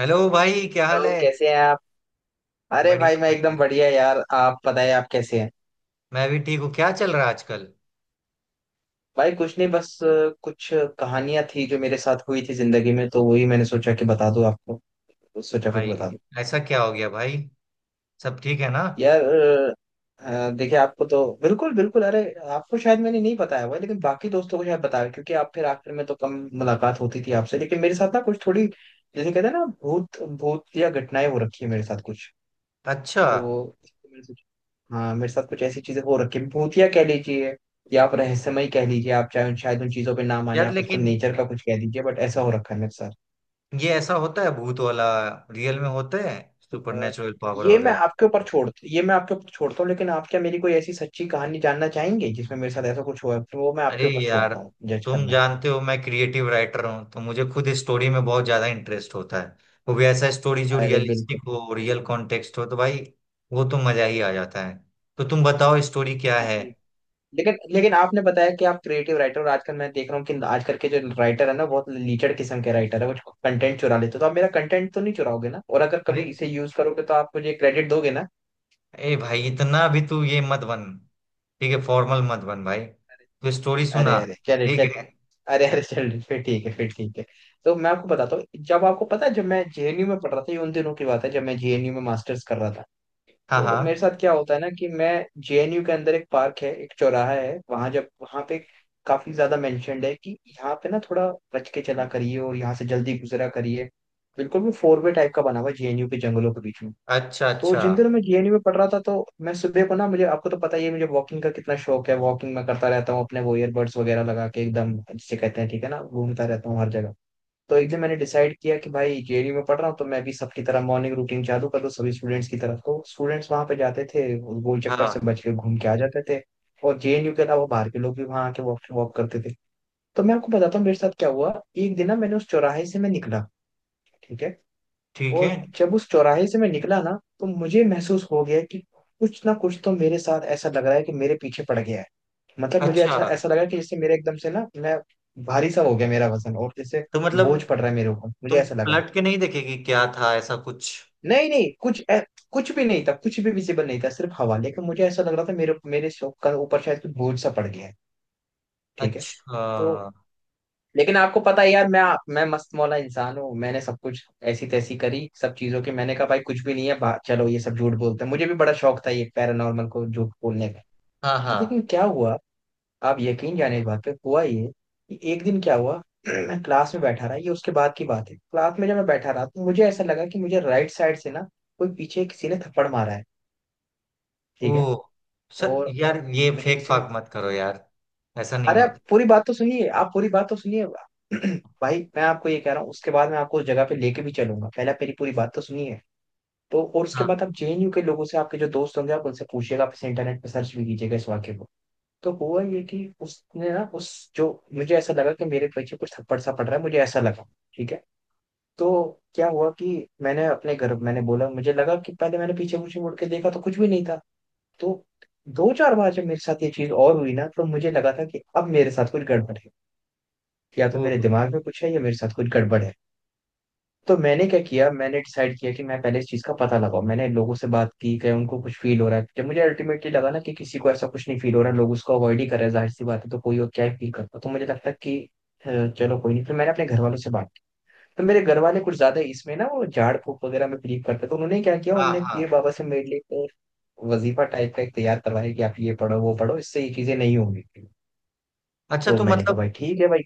Hello भाई, क्या हाल हेलो है? कैसे हैं आप। अरे भाई बढ़िया मैं एकदम बढ़िया। बढ़िया यार, आप बताएं आप कैसे हैं। मैं भी ठीक हूँ। क्या चल रहा है आजकल? भाई कुछ नहीं बस कुछ कहानियां थी जो मेरे साथ हुई थी जिंदगी में, तो वही मैंने सोचा कि बता दूं आपको। तो सोचा कुछ भाई बता दूं। ऐसा क्या हो गया भाई? सब ठीक है ना? यार देखिए आपको तो बिल्कुल बिल्कुल अरे आपको शायद मैंने नहीं बताया हुआ है, लेकिन बाकी दोस्तों को शायद बताया, क्योंकि आप फिर आखिर में तो कम मुलाकात होती थी आपसे, लेकिन मेरे साथ ना कुछ थोड़ी जैसे कहते हैं ना भूत भूत या घटनाएं हो रखी है मेरे साथ कुछ। अच्छा। तो हाँ, मेरे साथ कुछ ऐसी चीजें हो रखी हैं। भूतिया कह लीजिए या आप रहस्यमय कह लीजिए, आप चाहे शायद उन चीजों पे ना माने, यार आप उसको लेकिन नेचर का कुछ कह दीजिए, बट ऐसा हो रखा है मेरे साथ। ये ऐसा होता है? भूत वाला रियल में होता है? अ, सुपरनेचुरल पावर वगैरह? ये मैं आपके ऊपर छोड़ता हूँ, लेकिन आप क्या मेरी कोई ऐसी सच्ची कहानी जानना चाहेंगे जिसमें मेरे साथ ऐसा कुछ हुआ है, तो वो मैं अरे आपके ऊपर यार, छोड़ता हूँ जज तुम करना। जानते हो मैं क्रिएटिव राइटर हूँ, तो मुझे खुद स्टोरी में बहुत ज्यादा इंटरेस्ट होता है। वो भी ऐसा स्टोरी जो अरे रियलिस्टिक बिल्कुल। हो, रियल कॉन्टेक्स्ट हो, तो भाई वो तो मजा ही आ जाता है। तो तुम बताओ स्टोरी क्या ठीक है। ठीक लेकिन लेकिन आपने बताया कि आप क्रिएटिव राइटर, और आजकल मैं देख रहा हूँ कि आजकल के जो राइटर है ना बहुत लीचड़ किस्म के राइटर है, कुछ कंटेंट चुरा लेते हो, तो आप मेरा कंटेंट तो नहीं चुराओगे ना, और अगर अरे कभी इसे यूज करोगे तो आप मुझे क्रेडिट दोगे ना। ए भाई, इतना भी तू ये मत बन। ठीक है, फॉर्मल मत बन भाई, तू स्टोरी अरे सुना। अरे चले ठीक चल। है। अरे अरे चल फिर ठीक है फिर ठीक है। तो मैं आपको बताता हूँ, जब आपको पता है जब मैं जेएनयू में पढ़ रहा था, ये उन दिनों की बात है जब मैं जेएनयू में मास्टर्स कर रहा था। हाँ तो हाँ। मेरे साथ क्या होता है ना कि मैं जेएनयू के अंदर एक पार्क है, एक चौराहा है, वहां जब वहां पे काफी ज्यादा मेंशनड है कि यहाँ पे ना थोड़ा बच के चला करिए और यहाँ से जल्दी गुजरा करिए। बिल्कुल भी फोर वे टाइप का बना हुआ है जेएनयू के जंगलों के बीच में। अच्छा तो अच्छा। जिंदर मैं जेएनयू में पढ़ रहा था, तो मैं सुबह को ना, मुझे आपको तो पता ही है मुझे वॉकिंग का कितना शौक है, वॉकिंग मैं करता रहता हूँ अपने वो ईयरबड्स वगैरह लगा के एकदम जिसे कहते हैं, ठीक है ना, घूमता रहता हूँ हर जगह। तो एक दिन मैंने डिसाइड किया कि भाई जेएनयू में पढ़ रहा हूँ तो मैं भी सबकी तरह मॉर्निंग रूटीन चालू कर दूँ सभी स्टूडेंट्स की तरह। तो स्टूडेंट्स वहां पे जाते थे, वो गोल चक्कर से हाँ। बच के घूम के आ जाते थे। और जेएनयू के अलावा बाहर के लोग भी वहां आके वॉक वॉक करते थे। तो मैं आपको बताता हूँ मेरे साथ क्या हुआ। एक दिन ना मैंने उस चौराहे से मैं निकला, ठीक है। ठीक है। और जब उस चौराहे से मैं निकला ना, तो मुझे महसूस हो गया कि कुछ ना कुछ तो मेरे साथ ऐसा लग रहा है कि मेरे पीछे पड़ गया है। मतलब मुझे अच्छा, अच्छा ऐसा लगा कि जैसे मेरे एकदम से ना मैं भारी सा हो गया मेरा वजन, और जैसे तो मतलब बोझ पड़ रहा है मेरे ऊपर, मुझे तुम ऐसा लगा। पलट के नहीं देखेगी क्या था ऐसा कुछ? नहीं नहीं, कुछ भी नहीं था, कुछ भी विजिबल नहीं था, सिर्फ हवा, लेकिन मुझे ऐसा लग रहा था मेरे मेरे सो- का ऊपर शायद कुछ बोझ सा पड़ गया है। ठीक है। अच्छा। तो लेकिन आपको पता है यार मैं मस्त मौला इंसान हूँ, मैंने सब कुछ ऐसी तैसी करी सब चीजों की, मैंने कहा भाई कुछ भी नहीं है, चलो ये सब झूठ बोलते हैं, मुझे भी बड़ा शौक था ये पैरानॉर्मल को झूठ बोलने का। हाँ तो हाँ। लेकिन क्या हुआ, आप यकीन जाने इस बात पे, हुआ ये कि एक दिन क्या हुआ मैं क्लास में बैठा रहा, ये उसके बाद की बात है, क्लास में जब मैं बैठा रहा तो मुझे ऐसा लगा कि मुझे राइट साइड से ना कोई पीछे किसी ने थप्पड़ मारा है। ओ, ठीक है। सर और यार ये मुझे फेक किसी ने फाक मत करो यार। ऐसा नहीं अरे आप होता। पूरी बात तो सुनिए, आप पूरी बात तो सुनिए। भाई मैं आपको ये कह रहा हूँ, उसके बाद मैं आपको उस जगह पे लेके भी चलूंगा, पहले आप मेरी पूरी बात तो सुनिए। तो और उसके हाँ। बाद आप जेएनयू के लोगों से, आपके जो दोस्त होंगे आप उनसे पूछिएगा, आप इसे इंटरनेट पे सर्च भी कीजिएगा इस वाक्य को। तो हुआ ये कि उसने ना उस जो, मुझे ऐसा लगा कि मेरे पीछे कुछ थप्पड़ सा पड़ रहा है, मुझे ऐसा लगा। ठीक है। तो क्या हुआ कि मैंने अपने घर मैंने बोला, मुझे लगा कि पहले मैंने पीछे पीछे मुड़ के देखा तो कुछ भी नहीं था। तो दो चार बार जब मेरे साथ ये चीज और हुई ना, तो मुझे लगा था कि अब मेरे साथ कुछ गड़बड़ है, या तो ओ। मेरे दिमाग में कुछ है या मेरे साथ कुछ गड़बड़ है। तो मैंने क्या किया, मैंने डिसाइड किया कि मैं पहले इस चीज़ का पता लगाऊं। मैंने लोगों से बात की कि उनको कुछ फील हो रहा है। जब मुझे अल्टीमेटली लगा ना कि किसी को ऐसा कुछ नहीं फील हो रहा, लोग उसको अवॉइड ही कर रहे हैं, जाहिर सी बात है तो कोई और क्या ही फील करता, तो मुझे लगता कि अ, चलो कोई नहीं, फिर मैंने अपने घर वालों से बात की। तो मेरे घर वाले कुछ ज्यादा इसमें ना वो झाड़ फूक वगैरह में बिलीव करते, तो उन्होंने क्या किया, हाँ उन्होंने हाँ। पीर बाबा से मेरे लिए एक वजीफा टाइप का एक तैयार करवाया कि आप ये पढ़ो वो पढ़ो इससे ये चीजें नहीं होंगी। अच्छा, तो तो मैंने मतलब कहा भाई ठीक है भाई।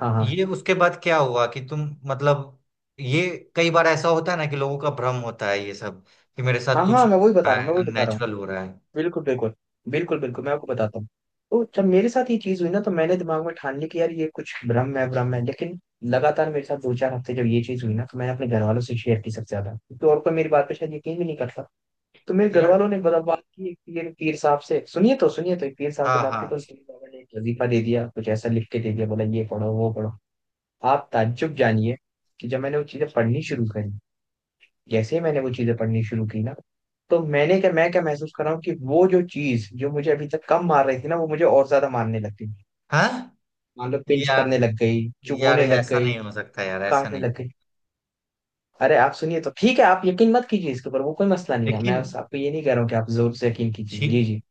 हाँ हाँ। ये उसके बाद क्या हुआ कि तुम, मतलब ये, कई बार ऐसा होता है ना कि लोगों का भ्रम होता है ये सब, कि मेरे साथ हाँ कुछ हाँ हो मैं वही बता रहा रहा हूँ, है, अननेचुरल हो रहा है। बिल्कुल बिल्कुल। बिल्कुल मैं आपको बताता हूँ। तो जब मेरे साथ ये चीज हुई ना, तो मैंने दिमाग में ठान ली कि यार ये कुछ भ्रम है भ्रम है, लेकिन लगातार मेरे साथ दो चार हफ्ते जब ये चीज हुई ना, तो मैंने अपने घर वालों से शेयर की सबसे ज्यादा, तो और कोई मेरी बात पे शायद यकीन भी नहीं करता। तो मेरे घर यार। वालों ने बड़ा बात की एक पीर पीर साहब से, सुनिए तो सुनिए, तो एक पीर साहब से हाँ बात हाँ की, तो उसने बाबा ने एक वजीफा दे दिया, कुछ ऐसा लिख के दे दिया, बोला ये पढ़ो वो पढ़ो। आप ताज्जुब जानिए कि जब मैंने वो चीजें पढ़नी शुरू करी, जैसे ही मैंने वो चीजें पढ़नी शुरू की ना, तो मैं क्या महसूस कर रहा हूँ कि वो जो चीज जो मुझे अभी तक कम मार रही थी ना, वो मुझे और ज्यादा मारने लग गई। हाँ। मान लो पिंच यार करने लग गई, यार, चुभोने लग ऐसा गई, नहीं हो सकता यार, ऐसा काटने नहीं। लग गई। अरे आप सुनिए तो, ठीक है आप यकीन मत कीजिए इसके ऊपर, वो कोई मसला नहीं है, लेकिन मैं बस आपको ये नहीं कह रहा हूँ कि आप जोर से यकीन कीजिए। जी ठीक, जी।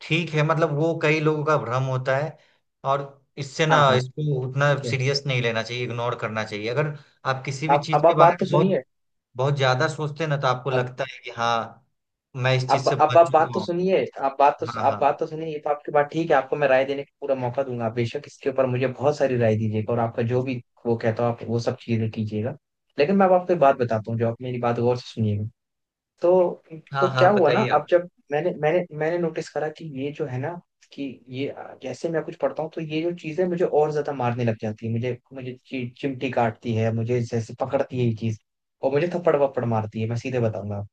ठीक है, मतलब वो कई लोगों का भ्रम होता है, और इससे ना, हाँ हाँ। इसको उतना ठीक है। सीरियस नहीं लेना चाहिए, इग्नोर करना चाहिए। अगर आप किसी भी चीज के आप बारे बात तो में बहुत सुनिए। बहुत ज्यादा सोचते हैं ना, तो आपको अब लगता है कि हाँ मैं इस चीज अब से अब बच आप बात चुका तो हूँ। सुनिए, हाँ आप हाँ। बात तो सुनिए, ये तो आपकी बात ठीक है, आपको मैं राय देने का पूरा मौका दूंगा, आप बेशक इसके ऊपर मुझे बहुत सारी राय दीजिएगा, और आपका जो भी वो कहता हो आप वो सब चीजें कीजिएगा। लेकिन मैं अब आपको एक बात बताता हूँ, जो आप मेरी बात गौर से सुनिएगा। तो हाँ तो क्या हाँ, हुआ ना, बताइए अब आप। जब मैंने मैंने मैंने नोटिस करा कि ये जो है ना कि ये जैसे मैं कुछ पढ़ता हूँ तो ये जो चीजें मुझे और ज्यादा मारने लग जाती है, मुझे मुझे चिमटी काटती है, मुझे जैसे पकड़ती है ये चीज, और मुझे थप्पड़ वप्पड़ मारती है, मैं सीधे बताऊंगा।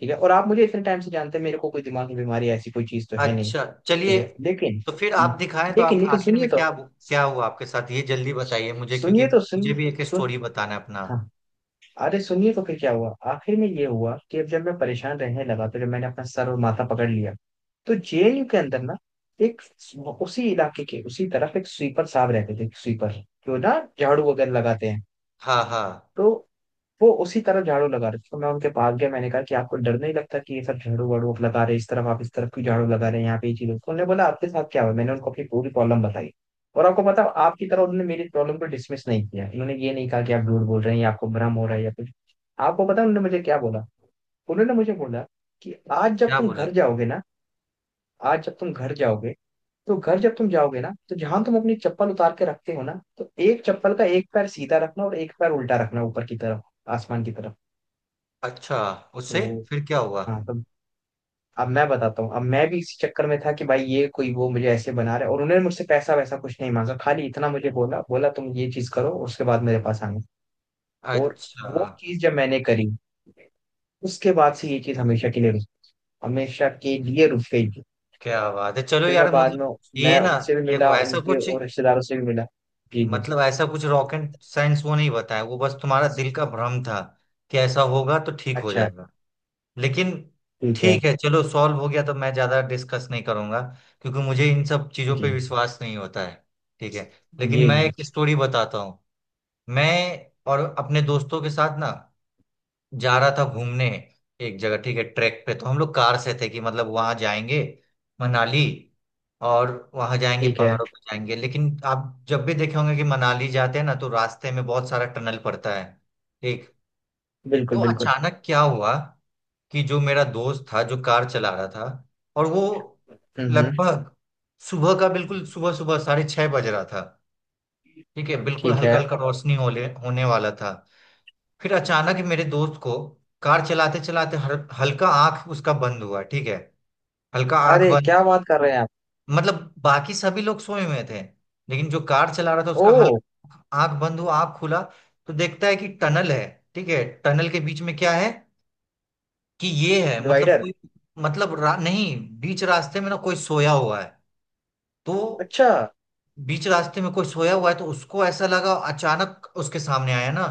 ठीक है, और आप मुझे इतने टाइम से जानते हैं, मेरे को कोई दिमाग की बीमारी ऐसी कोई चीज तो है नहीं। अच्छा ठीक चलिए। है, लेकिन तो फिर आप दिखाएं, तो लेकिन आप लेकिन आखिर सुनिए में तो, क्या, क्या हुआ आपके साथ? ये जल्दी बताइए मुझे, क्योंकि सुनिए तो मुझे सुनिए भी एक सुन स्टोरी बताना है अपना। हाँ। अरे सुनिए तो, फिर क्या हुआ आखिर में, ये हुआ कि अब जब मैं परेशान रहने लगा, तो जब मैंने अपना सर और माथा पकड़ लिया, तो जेएनयू के अंदर ना एक उसी इलाके के उसी तरफ एक स्वीपर साहब रहते थे, स्वीपर जो ना झाड़ू वगैरह लगाते हैं। हाँ हाँ। तो वो उसी तरफ झाड़ू लगा रहे थे, तो मैं उनके पास गया, मैंने कहा कि आपको डर नहीं लगता कि ये सब झाड़ू वाड़ू आप लगा रहे हैं, इस तरफ आप इस तरफ क्यों झाड़ू लगा रहे हैं, यहाँ पे ये चीज होती है?" उन्होंने बोला आपके साथ क्या हुआ, मैंने उनको अपनी पूरी प्रॉब्लम बताई। और आपको पता है, आपकी तरह उन्होंने मेरी प्रॉब्लम को डिसमिस नहीं किया, उन्होंने ये नहीं कहा कि आप झूठ बोल रहे हैं या आपको भ्रम हो रहा है या कुछ। आपको पता है उन्होंने मुझे क्या बोला, उन्होंने मुझे बोला कि आज जब क्या तुम बोला? घर जाओगे ना, आज जब तुम घर जाओगे तो घर जब तुम जाओगे ना, तो जहां तुम अपनी चप्पल उतार के रखते हो ना, तो एक चप्पल का एक पैर सीधा रखना और एक पैर उल्टा रखना, ऊपर की तरफ, आसमान की तरफ। अच्छा। उससे तो फिर क्या हुआ? हाँ, तो अब मैं बताता हूँ, अब मैं भी इसी चक्कर में था कि भाई ये कोई वो मुझे ऐसे बना रहा है, और उन्होंने मुझसे पैसा वैसा कुछ नहीं मांगा, खाली इतना मुझे बोला, बोला तुम ये चीज करो उसके बाद मेरे पास आना। और अच्छा। वो चीज जब मैंने करी, उसके बाद से ये चीज हमेशा के लिए रुक गई थी। क्या बात है, चलो फिर मैं यार। बाद में मतलब ये मैं ना, उनसे भी देखो, मिला, ऐसा उनके कुछ, और रिश्तेदारों से भी मिला। जी जी। मतलब ऐसा कुछ रॉकेट साइंस वो नहीं बताया। वो बस तुम्हारा दिल का भ्रम था कि ऐसा होगा तो ठीक हो अच्छा। जाएगा। लेकिन ठीक है। ठीक है, चलो सॉल्व हो गया तो मैं ज्यादा डिस्कस नहीं करूंगा, क्योंकि मुझे इन सब चीजों पे जी विश्वास नहीं होता है। ठीक है। लेकिन जी मैं एक जी। स्टोरी बताता हूँ। मैं और अपने दोस्तों के साथ ना, जा रहा था घूमने एक जगह, ठीक है, ट्रैक पे। तो हम लोग कार से थे कि मतलब वहां जाएंगे मनाली, और वहां जाएंगे, ठीक है। पहाड़ों पे जाएंगे। लेकिन आप जब भी देखे होंगे कि मनाली जाते हैं ना, तो रास्ते में बहुत सारा टनल पड़ता है। ठीक। तो बिल्कुल बिल्कुल। अचानक क्या हुआ कि जो मेरा दोस्त था, जो कार चला रहा था, और वो हम्म हम्म, लगभग सुबह का, बिल्कुल सुबह सुबह 6:30 बज रहा था। ठीक है, बिल्कुल ठीक है। हल्का हल्का रोशनी होले होने वाला था। फिर अचानक ही मेरे दोस्त को, कार चलाते चलाते, हल्का आंख उसका बंद हुआ, ठीक है, हल्का आंख अरे बंद। क्या बात कर रहे हैं आप। मतलब बाकी सभी लोग सोए हुए थे, लेकिन जो कार चला रहा था ओ। उसका हल्का आंख बंद हुआ, आंख खुला, तो देखता है कि टनल है, ठीक है, टनल के बीच में क्या है, कि ये है मतलब डिवाइडर। कोई, मतलब नहीं, बीच रास्ते में ना कोई सोया हुआ है। तो अच्छा। बीच रास्ते में कोई सोया हुआ है, तो उसको ऐसा लगा अचानक उसके सामने आया ना,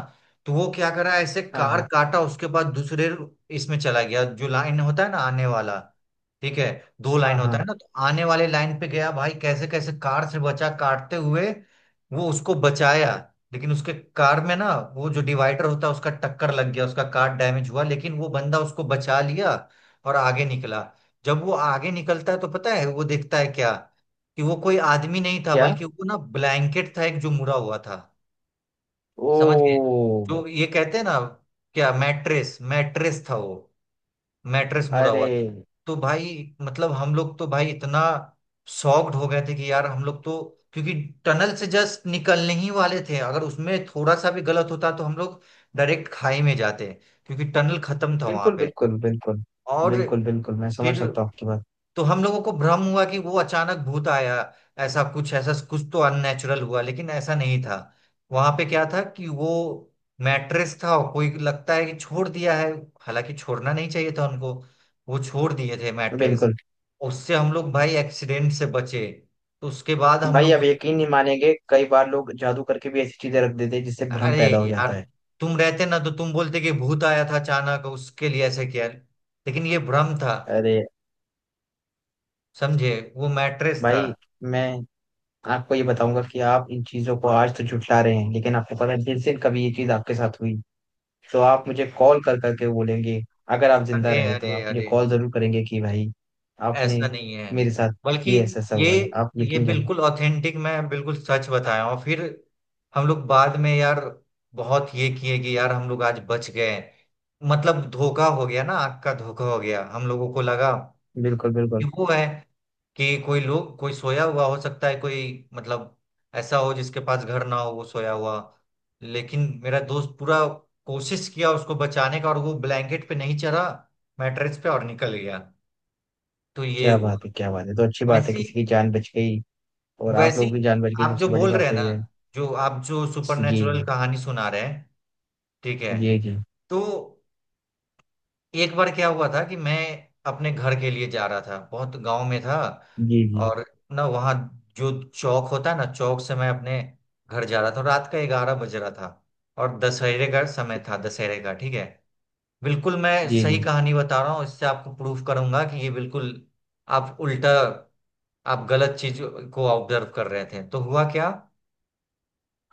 तो वो क्या करा, ऐसे हाँ कार हाँ। काटा, उसके बाद दूसरे इसमें चला गया, जो लाइन होता है ना आने वाला, ठीक है, दो हाँ लाइन होता है हाँ। ना, तो आने वाले लाइन पे गया भाई, कैसे कैसे कार से बचा, काटते हुए वो उसको बचाया। लेकिन उसके कार में ना, वो जो डिवाइडर होता है, उसका टक्कर लग गया, उसका कार डैमेज हुआ, लेकिन वो बंदा उसको बचा लिया और आगे निकला। जब वो आगे निकलता है, तो पता है वो देखता है क्या, कि वो कोई आदमी नहीं था, क्या। बल्कि वो ना ब्लैंकेट था एक, जो मुड़ा हुआ था। समझ गए? ओ। जो ये कहते हैं ना, क्या मैट्रेस, मैट्रेस था वो, मैट्रेस मुड़ा अरे हुआ था। तो भाई, मतलब हम लोग तो भाई इतना शॉक्ड हो गए थे कि यार हम लोग तो, क्योंकि टनल से जस्ट निकलने ही वाले थे, अगर उसमें थोड़ा सा भी गलत होता तो हम लोग डायरेक्ट खाई में जाते, क्योंकि टनल खत्म था वहां बिल्कुल पे। बिल्कुल। बिल्कुल और बिल्कुल बिल्कुल मैं समझ फिर, सकता हूँ आपकी बात। तो हम लोगों को भ्रम हुआ कि वो अचानक भूत आया, ऐसा कुछ, ऐसा कुछ तो अननेचुरल हुआ, लेकिन ऐसा नहीं था। वहां पे क्या था कि वो मैट्रेस था और कोई लगता है कि छोड़ दिया है, हालांकि छोड़ना नहीं चाहिए था उनको, वो छोड़ दिए थे मैट्रेस। बिल्कुल। उससे हम लोग भाई एक्सीडेंट से बचे। तो उसके बाद हम भाई लोग आप यकीन नहीं मानेंगे, कई बार लोग जादू करके भी ऐसी चीजें रख देते हैं जिससे भ्रम अरे पैदा हो यार, जाता है। तुम रहते ना तो तुम बोलते कि भूत आया था अचानक, उसके लिए ऐसे किया, लेकिन ये भ्रम था। अरे समझे? वो मैट्रेस था। भाई मैं आपको ये बताऊंगा कि आप इन चीजों को आज तो झुठला रहे हैं, लेकिन आपको पता है जिस दिन कभी ये चीज आपके साथ हुई, तो आप मुझे कॉल कर करके बोलेंगे। अगर आप जिंदा अरे रहे तो अरे आप मुझे अरे, कॉल जरूर करेंगे कि भाई आपने ऐसा नहीं है, मेरे साथ बल्कि ये ऐसा ऐसा ये हुआ है, आप ये यकीन जाने। बिल्कुल ऑथेंटिक, मैं बिल्कुल सच बताया हूँ। फिर हम लोग बाद में यार बहुत ये किए कि यार हम लोग आज बच गए, मतलब धोखा हो गया ना, आग का धोखा हो गया, हम लोगों को लगा बिल्कुल कि बिल्कुल। वो है, कि कोई लोग, कोई सोया हुआ हो सकता है, कोई, मतलब ऐसा हो जिसके पास घर ना हो, वो सोया हुआ। लेकिन मेरा दोस्त पूरा कोशिश किया उसको बचाने का, और वो ब्लैंकेट पे नहीं चढ़ा, मैट्रेस पे, और निकल गया। तो ये क्या हुआ। बात है, क्या बात है, तो अच्छी बात है वैसे, किसी की जान बच गई, और आप वैसी लोग भी जान बच गई, आप जो सबसे बड़ी बोल रहे बात हैं तो ना, ये है। जो आप जो जी सुपरनेचुरल कहानी सुना रहे हैं, ठीक है, जी तो एक बार क्या हुआ था कि मैं अपने घर के लिए जा रहा था, बहुत गांव में था, जी जी। और ना वहाँ जो चौक होता है ना, चौक से मैं अपने घर जा रहा था, रात का 11 बज रहा था, और दशहरे का समय ठीक था, है। दशहरे का, ठीक है। बिल्कुल मैं जी जी सही कहानी बता रहा हूँ, इससे आपको प्रूफ करूंगा कि ये बिल्कुल, आप उल्टा, आप गलत चीज को ऑब्जर्व कर रहे थे। तो हुआ क्या,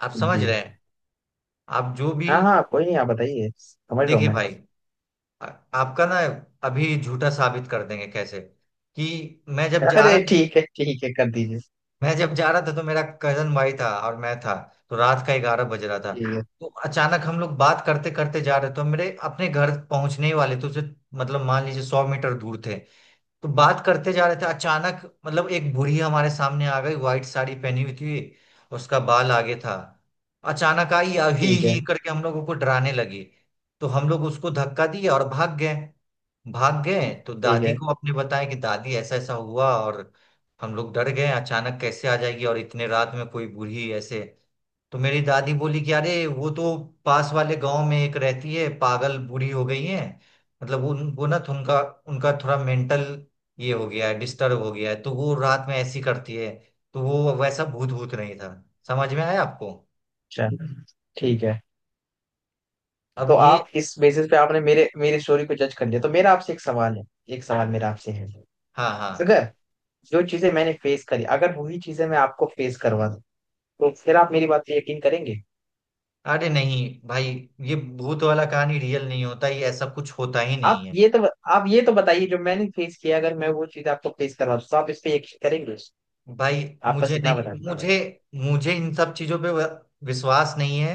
आप समझ रहे जी हैं? आप जो भी, हाँ हाँ, कोई नहीं आप बताइए, समझ रहा हूँ देखिए मैं। भाई, आ- आपका ना अभी झूठा साबित कर देंगे कैसे, कि मैं जब जा अरे रहा था, ठीक है ठीक है, कर दीजिए। मैं जब जा रहा था, तो मेरा कजन भाई था और मैं था, तो रात का 11 बज रहा था। ठीक है तो अचानक हम लोग बात करते करते जा रहे, तो मेरे अपने घर पहुंचने ही वाले थे उसे, मतलब मान लीजिए 100 मीटर दूर थे। तो बात करते जा रहे थे, अचानक मतलब एक बूढ़ी हमारे सामने आ गई, व्हाइट साड़ी पहनी हुई थी, उसका बाल आगे था, अचानक आई अभी ठीक है। ही करके हम लोगों को डराने लगी। तो हम लोग उसको धक्का दिए और भाग गए। भाग गए तो ठीक दादी है को अपने बताया कि दादी ऐसा ऐसा हुआ और हम लोग डर गए, अचानक कैसे आ जाएगी, और इतने रात में कोई बूढ़ी ऐसे। तो मेरी दादी बोली कि अरे वो तो पास वाले गांव में एक रहती है, पागल बूढ़ी हो गई है, मतलब उन वो ना उनका उनका थोड़ा मेंटल ये हो गया है, डिस्टर्ब हो गया है, तो वो रात में ऐसी करती है। तो वो वैसा भूत भूत नहीं था। समझ में आया आपको? चल। ठीक है, अब तो ये, आप इस बेसिस पे आपने मेरे मेरी स्टोरी को जज कर लिया, तो मेरा आपसे एक सवाल है। एक सवाल मेरा आपसे है। हाँ हाँ। अगर जो चीजें मैंने फेस करी, अगर वही चीजें मैं आपको फेस करवा दूं, तो फिर आप मेरी बात पे यकीन करेंगे। अरे नहीं भाई, ये भूत वाला कहानी रियल नहीं होता, ये ऐसा कुछ होता ही आप नहीं है। ये तो आप ये तो बताइए, जो मैंने फेस किया अगर मैं वो चीज आपको फेस करवा दूं, तो आप इस पे यकीन करेंगे। भाई, आप बस मुझे इतना नहीं, बता दीजिए। मुझे मुझे इन सब चीजों पे विश्वास नहीं है,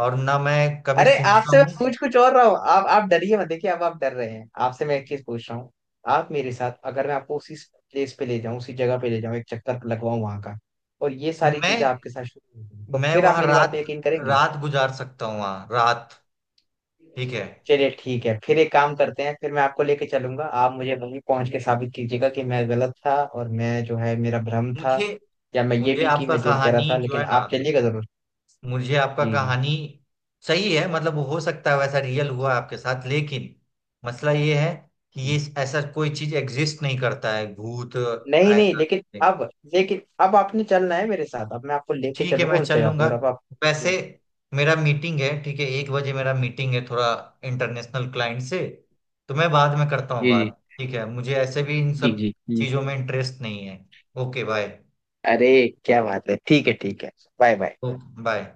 और ना मैं कभी अरे सुनता आपसे मैं हूँ। पूछ कुछ और रहा हूँ, आप डरिए मत, देखिए अब आप डर रहे हैं, आपसे मैं एक चीज पूछ रहा हूँ। आप मेरे साथ, अगर मैं आपको उसी जगह पे ले जाऊं, एक चक्कर लगवाऊं वहां का, और ये सारी चीजें मैं आपके साथ शुरू होंगी, तो मैं फिर आप वहां मेरी बात रात, पे यकीन करेंगे। रात गुजार सकता हूँ वहां रात, ठीक है। चलिए ठीक है, फिर एक काम करते हैं, फिर मैं आपको लेके चलूंगा, आप मुझे वहीं पहुंच के साबित कीजिएगा कि मैं गलत था और मैं जो है मेरा भ्रम था, मुझे या मैं ये मुझे भी कि आपका मैं जुड़ के रहा कहानी था, जो लेकिन है ना, आप चलिएगा जरूर। मुझे आपका जी कहानी सही है। मतलब हो सकता है वैसा रियल हुआ आपके साथ, लेकिन मसला ये है कि जी। ये, ऐसा कोई चीज एग्जिस्ट नहीं करता है, भूत नहीं नहीं ऐसा लेकिन something। अब, आपने चलना है मेरे साथ, अब मैं आपको लेके ठीक है, चलूंगा मैं उस चल जगह लूंगा। पर, अब आप। वैसे जी मेरा मीटिंग है, ठीक है, 1 बजे मेरा मीटिंग है, थोड़ा इंटरनेशनल क्लाइंट से। तो मैं बाद में करता हूँ जी बात, ठीक है, मुझे ऐसे भी इन जी सब जी जी। चीजों में इंटरेस्ट नहीं है। Okay bye. अरे क्या बात है, ठीक है ठीक है। Bye bye. Okay bye.